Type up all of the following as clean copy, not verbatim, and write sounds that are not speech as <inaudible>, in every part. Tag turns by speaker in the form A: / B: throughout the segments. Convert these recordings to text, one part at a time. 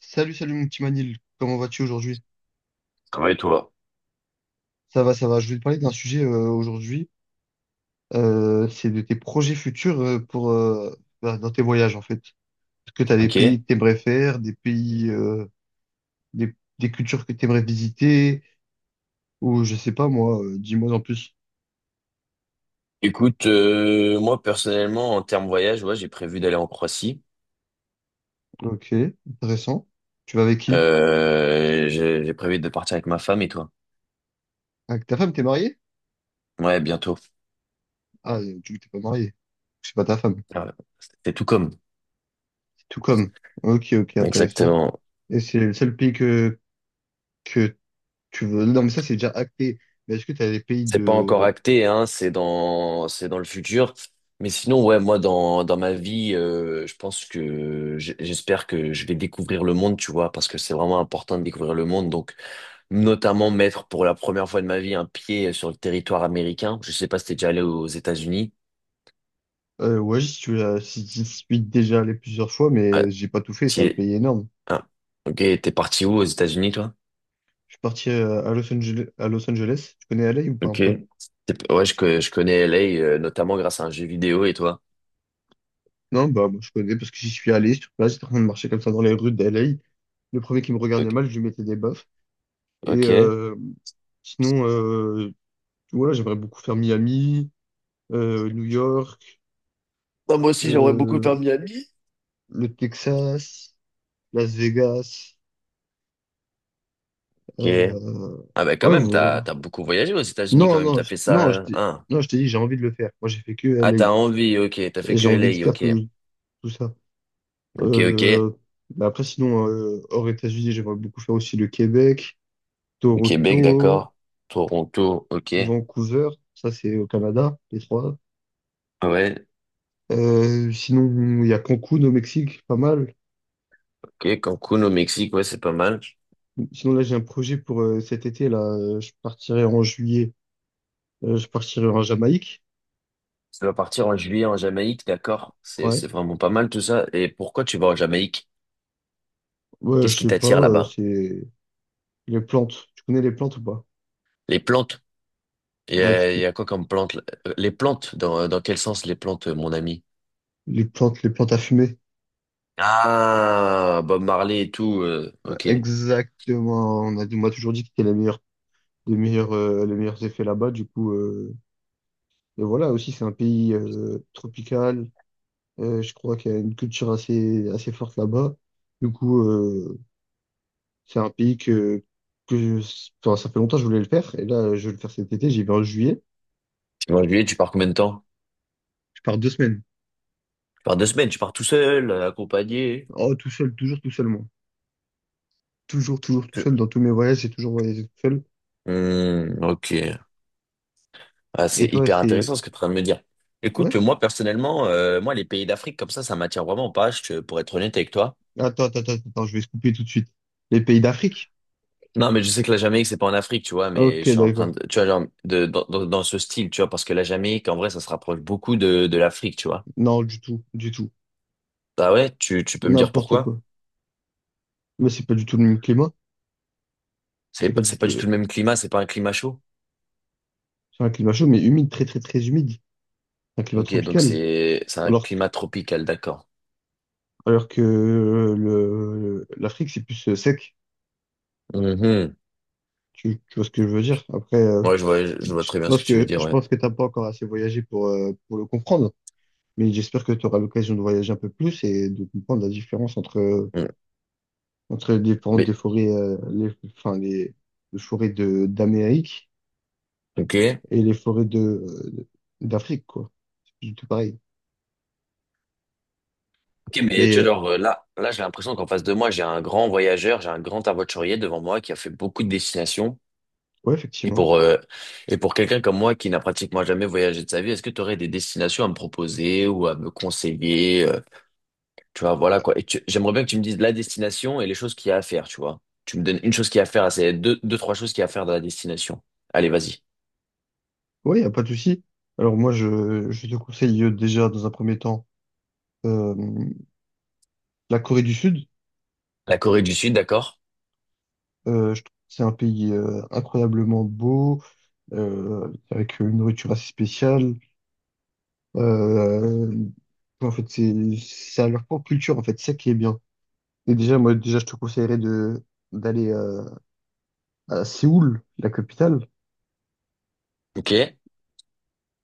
A: Salut, salut mon petit Manil, comment vas-tu aujourd'hui?
B: Ça va et toi.
A: Ça va, ça va. Je vais te parler d'un sujet aujourd'hui, c'est de tes projets futurs pour bah, dans tes voyages en fait. Est-ce que tu as des pays
B: Ok.
A: que tu aimerais faire, des pays, des cultures que tu aimerais visiter, ou je sais pas moi, dis-moi en plus.
B: Écoute, moi personnellement, en termes voyage, ouais, j'ai prévu d'aller en Croatie.
A: Ok, intéressant. Tu vas avec qui?
B: J'ai prévu de partir avec ma femme et toi.
A: Avec ta femme, t'es marié?
B: Ouais, bientôt.
A: Ah, tu t'es pas marié. C'est pas ta femme.
B: Ah, c'est tout comme.
A: C'est tout comme. Ok, ok, intéressant.
B: Exactement.
A: Et c'est le seul pays que tu veux... Non, mais ça, c'est déjà acté. Mais est-ce que tu as des pays
B: C'est pas encore
A: de...
B: acté, hein. C'est dans le futur. Mais sinon, ouais, moi dans ma vie, je pense que j'espère que je vais découvrir le monde, tu vois, parce que c'est vraiment important de découvrir le monde. Donc notamment mettre pour la première fois de ma vie un pied sur le territoire américain. Je sais pas si t'es déjà allé aux États-Unis.
A: Ouais, j'y suis, si j'y suis déjà allé plusieurs fois,
B: Ah,
A: mais j'ai pas tout fait. C'est
B: t'y
A: un
B: es-
A: pays énorme.
B: ah, ok, t'es parti où aux États-Unis, toi?
A: Je suis parti à Los Angeles, à Los Angeles. Tu connais LA ou pas un
B: Ok.
A: peu?
B: Ouais, je connais LA, notamment grâce à un jeu vidéo, et toi?
A: Non, bah, moi, je connais parce que j'y suis allé sur place. J'étais en train de marcher comme ça dans les rues d'LA. Le premier qui me regardait
B: Ok.
A: mal, je lui mettais des baffes. Et
B: Ok.
A: euh, Sinon, voilà, j'aimerais beaucoup faire Miami, New York,
B: Ah, moi aussi, j'aimerais beaucoup faire
A: euh,
B: Miami.
A: le Texas, Las Vegas.
B: Ok.
A: Euh,
B: Ah bah quand
A: ouais.
B: même, t'as beaucoup voyagé aux États-Unis quand
A: Non,
B: même,
A: non,
B: t'as fait ça.
A: non,
B: Hein.
A: non, je t'ai dit, j'ai envie de le faire. Moi, j'ai fait que
B: Ah, t'as
A: LA.
B: envie, ok, t'as
A: Et
B: fait
A: j'ai
B: que
A: envie de
B: LA,
A: faire
B: ok.
A: tout, tout ça.
B: Ok, ok.
A: Euh, mais après, sinon, hors États-Unis, j'aimerais beaucoup faire aussi le Québec,
B: Le Québec,
A: Toronto,
B: d'accord. Toronto, ok.
A: Vancouver. Ça, c'est au Canada, les trois.
B: Ouais.
A: Sinon, il y a Cancun au Mexique, pas mal.
B: Ok, Cancun au Mexique, ouais, c'est pas mal. Tu
A: Sinon, là, j'ai un projet pour cet été, là. Je partirai en juillet. Je partirai en Jamaïque.
B: vas partir en juillet en Jamaïque, d'accord? C'est,
A: Ouais.
B: c'est vraiment pas mal tout ça. Et pourquoi tu vas en Jamaïque?
A: Ouais,
B: Qu'est-ce
A: je
B: qui
A: sais pas,
B: t'attire là-bas?
A: c'est les plantes. Tu connais les plantes ou pas?
B: Les plantes? Il y
A: Ouais, parce
B: a, il
A: que
B: y a quoi comme plantes là? Les plantes, dans quel sens les plantes, mon ami?
A: les plantes à fumer.
B: Ah, Bob Marley et tout, ok. Tu
A: Exactement. On m'a toujours dit qu'il y a les meilleurs, les meilleurs effets là-bas. Du coup, et voilà, aussi, c'est un pays tropical. Je crois qu'il y a une culture assez, assez forte là-bas. Du coup, c'est un pays enfin, ça fait longtemps que je voulais le faire. Et là, je vais le faire cet été. J'y vais en juillet.
B: vas en juillet, tu pars combien de temps?
A: Je pars 2 semaines.
B: Tu pars deux semaines, tu pars tout seul, accompagné?
A: Oh, tout seul, toujours tout seul, moi. Toujours, toujours tout
B: Tu-
A: seul. Dans tous mes voyages, j'ai toujours voyagé tout seul.
B: Hmm, ok. Ah,
A: Et
B: c'est
A: toi,
B: hyper
A: c'est...
B: intéressant ce que tu es en train de me dire. Écoute,
A: Ouais?
B: moi personnellement, moi les pays d'Afrique comme ça m'attire vraiment pas, pour être honnête avec toi.
A: Attends, attends, attends, attends, je vais se couper tout de suite. Les pays d'Afrique?
B: Non, mais je sais que la Jamaïque, c'est pas en Afrique, tu vois, mais
A: Ok,
B: je suis en train
A: d'accord.
B: de, tu vois, genre, dans ce style, tu vois, parce que la Jamaïque, en vrai, ça se rapproche beaucoup de l'Afrique, tu vois.
A: Non, du tout, du tout.
B: Ah ouais, tu peux me dire
A: N'importe
B: pourquoi?
A: quoi. Mais c'est pas du tout le même climat. C'est pas du
B: C'est pas
A: tout.
B: du tout le même climat, c'est pas un climat chaud.
A: C'est un climat chaud, mais humide, très, très, très humide. Un climat
B: Ok, donc
A: tropical.
B: c'est un
A: Alors que,
B: climat tropical, d'accord.
A: l'Afrique, c'est plus sec.
B: Mhm.
A: Tu vois ce que je veux dire? Après,
B: Ouais, je vois très bien ce que tu veux dire,
A: je
B: ouais.
A: pense que t'as pas encore assez voyagé pour le comprendre. Mais j'espère que tu auras l'occasion de voyager un peu plus et de comprendre la différence
B: Mm.
A: entre les différentes
B: Mais,
A: des forêts, enfin, les forêts d'Amérique
B: ok.
A: et les forêts d'Afrique, quoi. C'est tout pareil.
B: Ok, mais
A: Mais
B: tu vois,
A: euh,
B: genre, là, j'ai l'impression qu'en face de moi, j'ai un grand voyageur, j'ai un grand aventurier devant moi qui a fait beaucoup de destinations.
A: ouais,
B: Et
A: effectivement.
B: pour, euh, et pour quelqu'un comme moi qui n'a pratiquement jamais voyagé de sa vie, est-ce que tu aurais des destinations à me proposer ou à me conseiller, tu vois, voilà
A: Euh,
B: quoi. Et j'aimerais bien que tu me dises la destination et les choses qu'il y a à faire, tu vois. Tu me donnes une chose qu'il y a à faire, ah, c'est deux, trois choses qu'il y a à faire dans la destination. Allez, vas-y.
A: Ouais, y a pas de souci. Alors moi, je te conseille déjà dans un premier temps euh, la Corée du Sud.
B: La Corée du Sud, d'accord?
A: Je trouve que c'est un pays incroyablement beau, avec une nourriture assez spéciale. Euh, En fait, c'est à leur propre culture. En fait, c'est ça qui est bien. Et déjà, moi, déjà, je te conseillerais de d'aller à Séoul, la capitale.
B: Ok.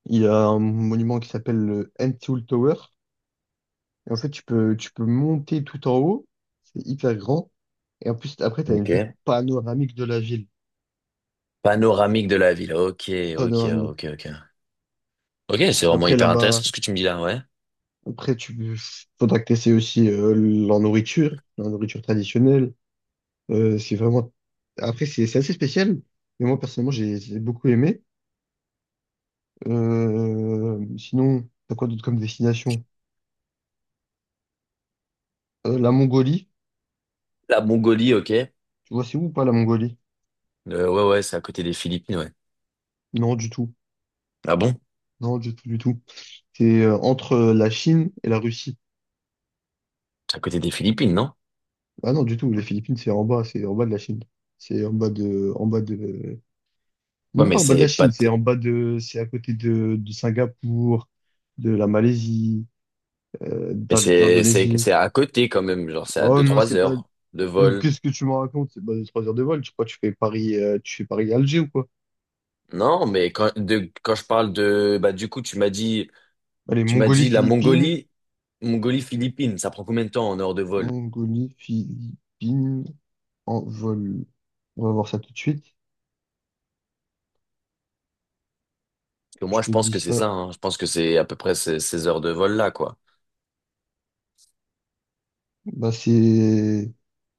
A: Il y a un monument qui s'appelle le N Seoul Tower. Et en fait, tu peux monter tout en haut. C'est hyper grand. Et en plus, après, tu as une vue
B: Ok.
A: panoramique de la ville.
B: Panoramique de la ville. Ok,
A: Panoramique.
B: ok. Ok, c'est vraiment
A: Après,
B: hyper intéressant
A: là-bas,
B: ce que tu me dis là, ouais.
A: après, tu faudra que tu aussi la nourriture traditionnelle. C'est vraiment. Après, c'est assez spécial. Mais moi, personnellement, j'ai beaucoup aimé. Sinon, t'as quoi d'autre comme destination? La Mongolie.
B: La Mongolie, ok.
A: Tu vois, c'est où ou pas la Mongolie?
B: Ouais, c'est à côté des Philippines, ouais.
A: Non, du tout.
B: Ah bon?
A: Non, du tout, du tout. C'est entre la Chine et la Russie.
B: C'est à côté des Philippines, non?
A: Ah non, du tout, les Philippines, c'est en bas de la Chine. C'est en bas de,
B: Ouais,
A: même
B: mais
A: pas en bas de
B: c'est
A: la
B: pas.
A: Chine, c'est c'est à côté de Singapour, de la Malaisie,
B: Mais
A: de
B: c'est c'est
A: l'Indonésie.
B: c'est à côté quand même, genre c'est à
A: Oh
B: deux
A: non,
B: trois
A: c'est pas,
B: heures de
A: oh,
B: vol.
A: qu'est-ce que tu me racontes? C'est pas de 3 heures de vol, tu crois que tu fais Paris, tu fais Paris-Alger ou quoi?
B: Non, mais quand je parle de bah du coup
A: Allez,
B: tu m'as
A: Mongolie,
B: dit la
A: Philippines,
B: Mongolie Mongolie Philippines, ça prend combien de temps en heures de vol?
A: Mongolie, Philippines, en vol. On va voir ça tout de suite.
B: Parce que
A: Je
B: moi je
A: te
B: pense
A: dis
B: que c'est
A: ça.
B: ça, hein. Je pense que c'est à peu près ces heures de vol là quoi.
A: Bah, c'est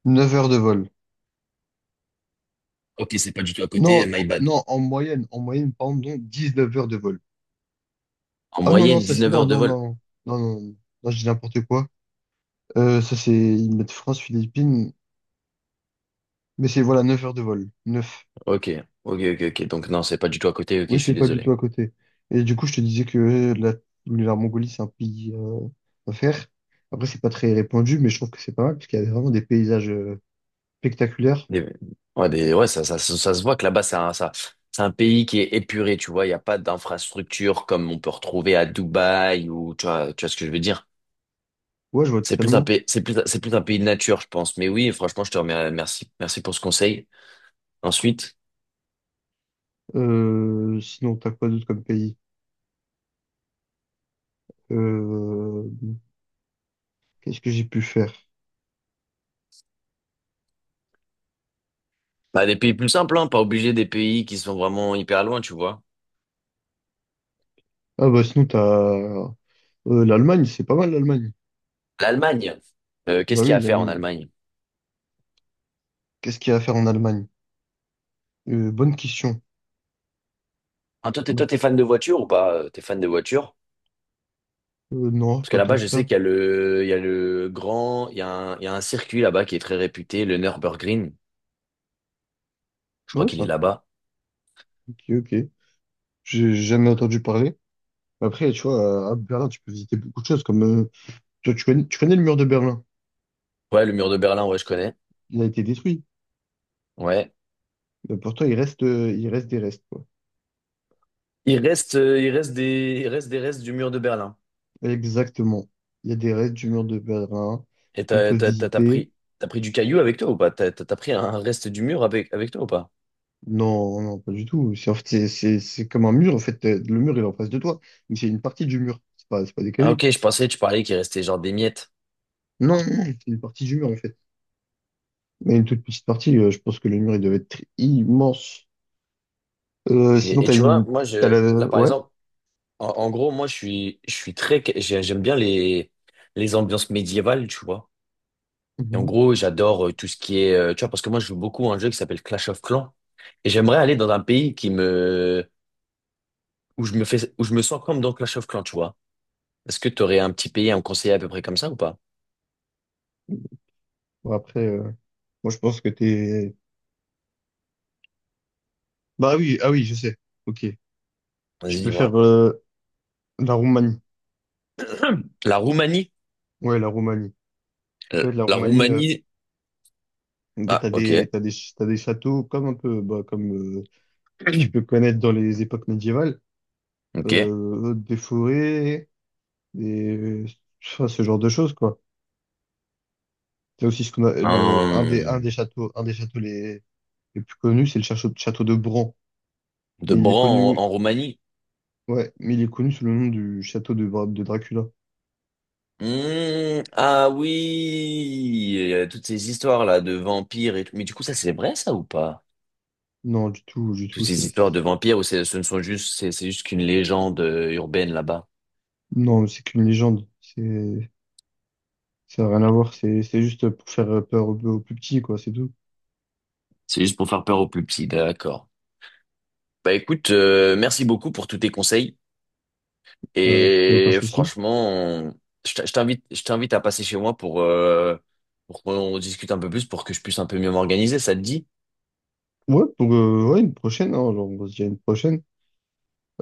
A: 9 heures de vol.
B: Ok, c'est pas du tout à
A: Non,
B: côté, my bad.
A: non, en moyenne, par exemple, donc 19 heures de vol.
B: En
A: Ah non, non,
B: moyenne
A: ça c'est.
B: 19
A: Non,
B: heures de
A: non,
B: vol.
A: non, non, non, non, non, je dis n'importe quoi. Ça c'est. Ils mettent France, Philippines, mais c'est voilà 9 heures de vol. 9.
B: Ok, ok. Donc non, c'est pas du tout à côté. Ok, je
A: Oui, c'est
B: suis
A: pas du tout
B: désolé.
A: à côté. Et du coup, je te disais que la Mongolie, c'est un pays à faire. Après, c'est pas très répandu, mais je trouve que c'est pas mal, parce qu'il y a vraiment des paysages spectaculaires.
B: Des- ouais, ça se voit que là-bas, c'est un pays qui est épuré, tu vois. Il n'y a pas d'infrastructure comme on peut retrouver à Dubaï ou, tu vois ce que je veux dire.
A: Ouais, je vois
B: C'est plus un
A: totalement.
B: pays, c'est plus un pays de nature, je pense. Mais oui, franchement, je te remercie, merci pour ce conseil. Ensuite,
A: Sinon, t'as quoi d'autre comme pays? Euh, Qu'est-ce que j'ai pu faire?
B: bah, des pays plus simples, hein, pas obligé des pays qui sont vraiment hyper loin, tu vois.
A: Ah bah sinon, t'as. L'Allemagne, c'est pas mal l'Allemagne.
B: L'Allemagne.
A: Bah
B: Qu'est-ce qu'il
A: oui,
B: y a à faire en
A: l'Allemagne.
B: Allemagne?
A: Qu'est-ce qu'il y a à faire en Allemagne? Bonne question.
B: Hein,
A: Bah,
B: toi, t'es fan de voiture ou pas? T'es fan de voiture?
A: non,
B: Parce que
A: pas tant
B: là-bas, je
A: que
B: sais
A: ça.
B: qu'il y a le, il y a le grand, il y a un, il y a un circuit là-bas qui est très réputé, le Nürburgring. Je crois
A: Ouais,
B: qu'il
A: c'est
B: est
A: un...
B: là-bas.
A: Ok, ok. J'ai jamais entendu parler. Après, tu vois, à Berlin, tu peux visiter beaucoup de choses, comme tu vois, tu connais le mur de Berlin.
B: Ouais, le mur de Berlin, ouais, je connais.
A: Il a été détruit.
B: Ouais.
A: Mais pourtant, il reste des restes, quoi.
B: Il reste, il reste des restes du mur de Berlin.
A: Exactement. Il y a des restes du mur de Berlin
B: Et
A: qu'on peut visiter.
B: t'as pris du caillou avec toi ou pas? T'as pris un reste du mur avec, avec toi ou pas?
A: Non, non, pas du tout. C'est en fait, c'est comme un mur. En fait, le mur, il est en face de toi, mais c'est une partie du mur. C'est pas des
B: Ah,
A: cailloux.
B: ok, je pensais que tu parlais qu'il restait genre des miettes.
A: Non, non, non, c'est une partie du mur, en fait. Mais une toute petite partie, je pense que le mur, il devait être immense. Sinon,
B: Et
A: t'as
B: tu vois,
A: une...
B: moi,
A: T'as la...
B: là, par
A: Ouais.
B: exemple, en gros, moi, j'aime bien les ambiances médiévales, tu vois. Et en
A: Mhm.
B: gros, j'adore tout ce qui est, tu vois, parce que moi, je joue beaucoup à un jeu qui s'appelle Clash of Clans. Et j'aimerais aller dans un pays où je me sens comme dans Clash of Clans, tu vois. Est-ce que tu aurais un petit pays à me conseiller à peu près comme ça ou pas?
A: Bon, après, moi, je pense que t'es... Bah oui, ah oui, je sais. Ok. Tu
B: Vas-y,
A: peux faire
B: dis-moi.
A: la Roumanie.
B: <clears throat> La Roumanie.
A: Ouais, la Roumanie. Ouais, la
B: La
A: Roumanie,
B: Roumanie.
A: en fait,
B: Ah, ok.
A: t'as des châteaux comme un peu, bah, comme euh, que tu peux
B: <clears throat>
A: connaître dans les époques médiévales.
B: Ok.
A: Des forêts, des... enfin, ce genre de choses, quoi. Il y a aussi ce qu'on a, le,
B: Hum,
A: un des châteaux les plus connus, c'est le château de Bran.
B: de
A: Mais il est
B: Bran en,
A: connu,
B: en Roumanie.
A: ouais, mais il est connu sous le nom du château de Dracula.
B: Ah oui, il y a toutes ces histoires là de vampires et tout. Mais du coup, ça c'est vrai ça ou pas?
A: Non, du
B: Toutes
A: tout,
B: ces histoires de vampires, ou c'est- ce ne sont juste, c'est juste qu'une légende urbaine là-bas.
A: non, c'est qu'une légende. Ça n'a rien à voir. C'est juste pour faire peur aux plus petits, quoi, c'est tout.
B: C'est juste pour faire peur aux plus petits, d'accord. Bah écoute, merci beaucoup pour tous tes conseils.
A: Y a aucun
B: Et
A: souci.
B: franchement, je t'invite à passer chez moi pour qu'on discute un peu plus, pour que je puisse un peu mieux m'organiser, ça te dit?
A: Ouais, ouais, une prochaine, hein, genre, on se dit à une prochaine.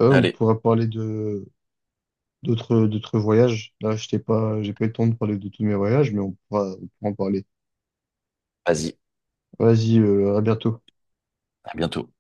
A: On
B: Allez,
A: pourra parler d'autres voyages. Là, je t'ai pas, j'ai pas eu le temps de parler de tous mes voyages, mais on pourra en parler.
B: vas-y,
A: Vas-y, à bientôt.
B: à bientôt.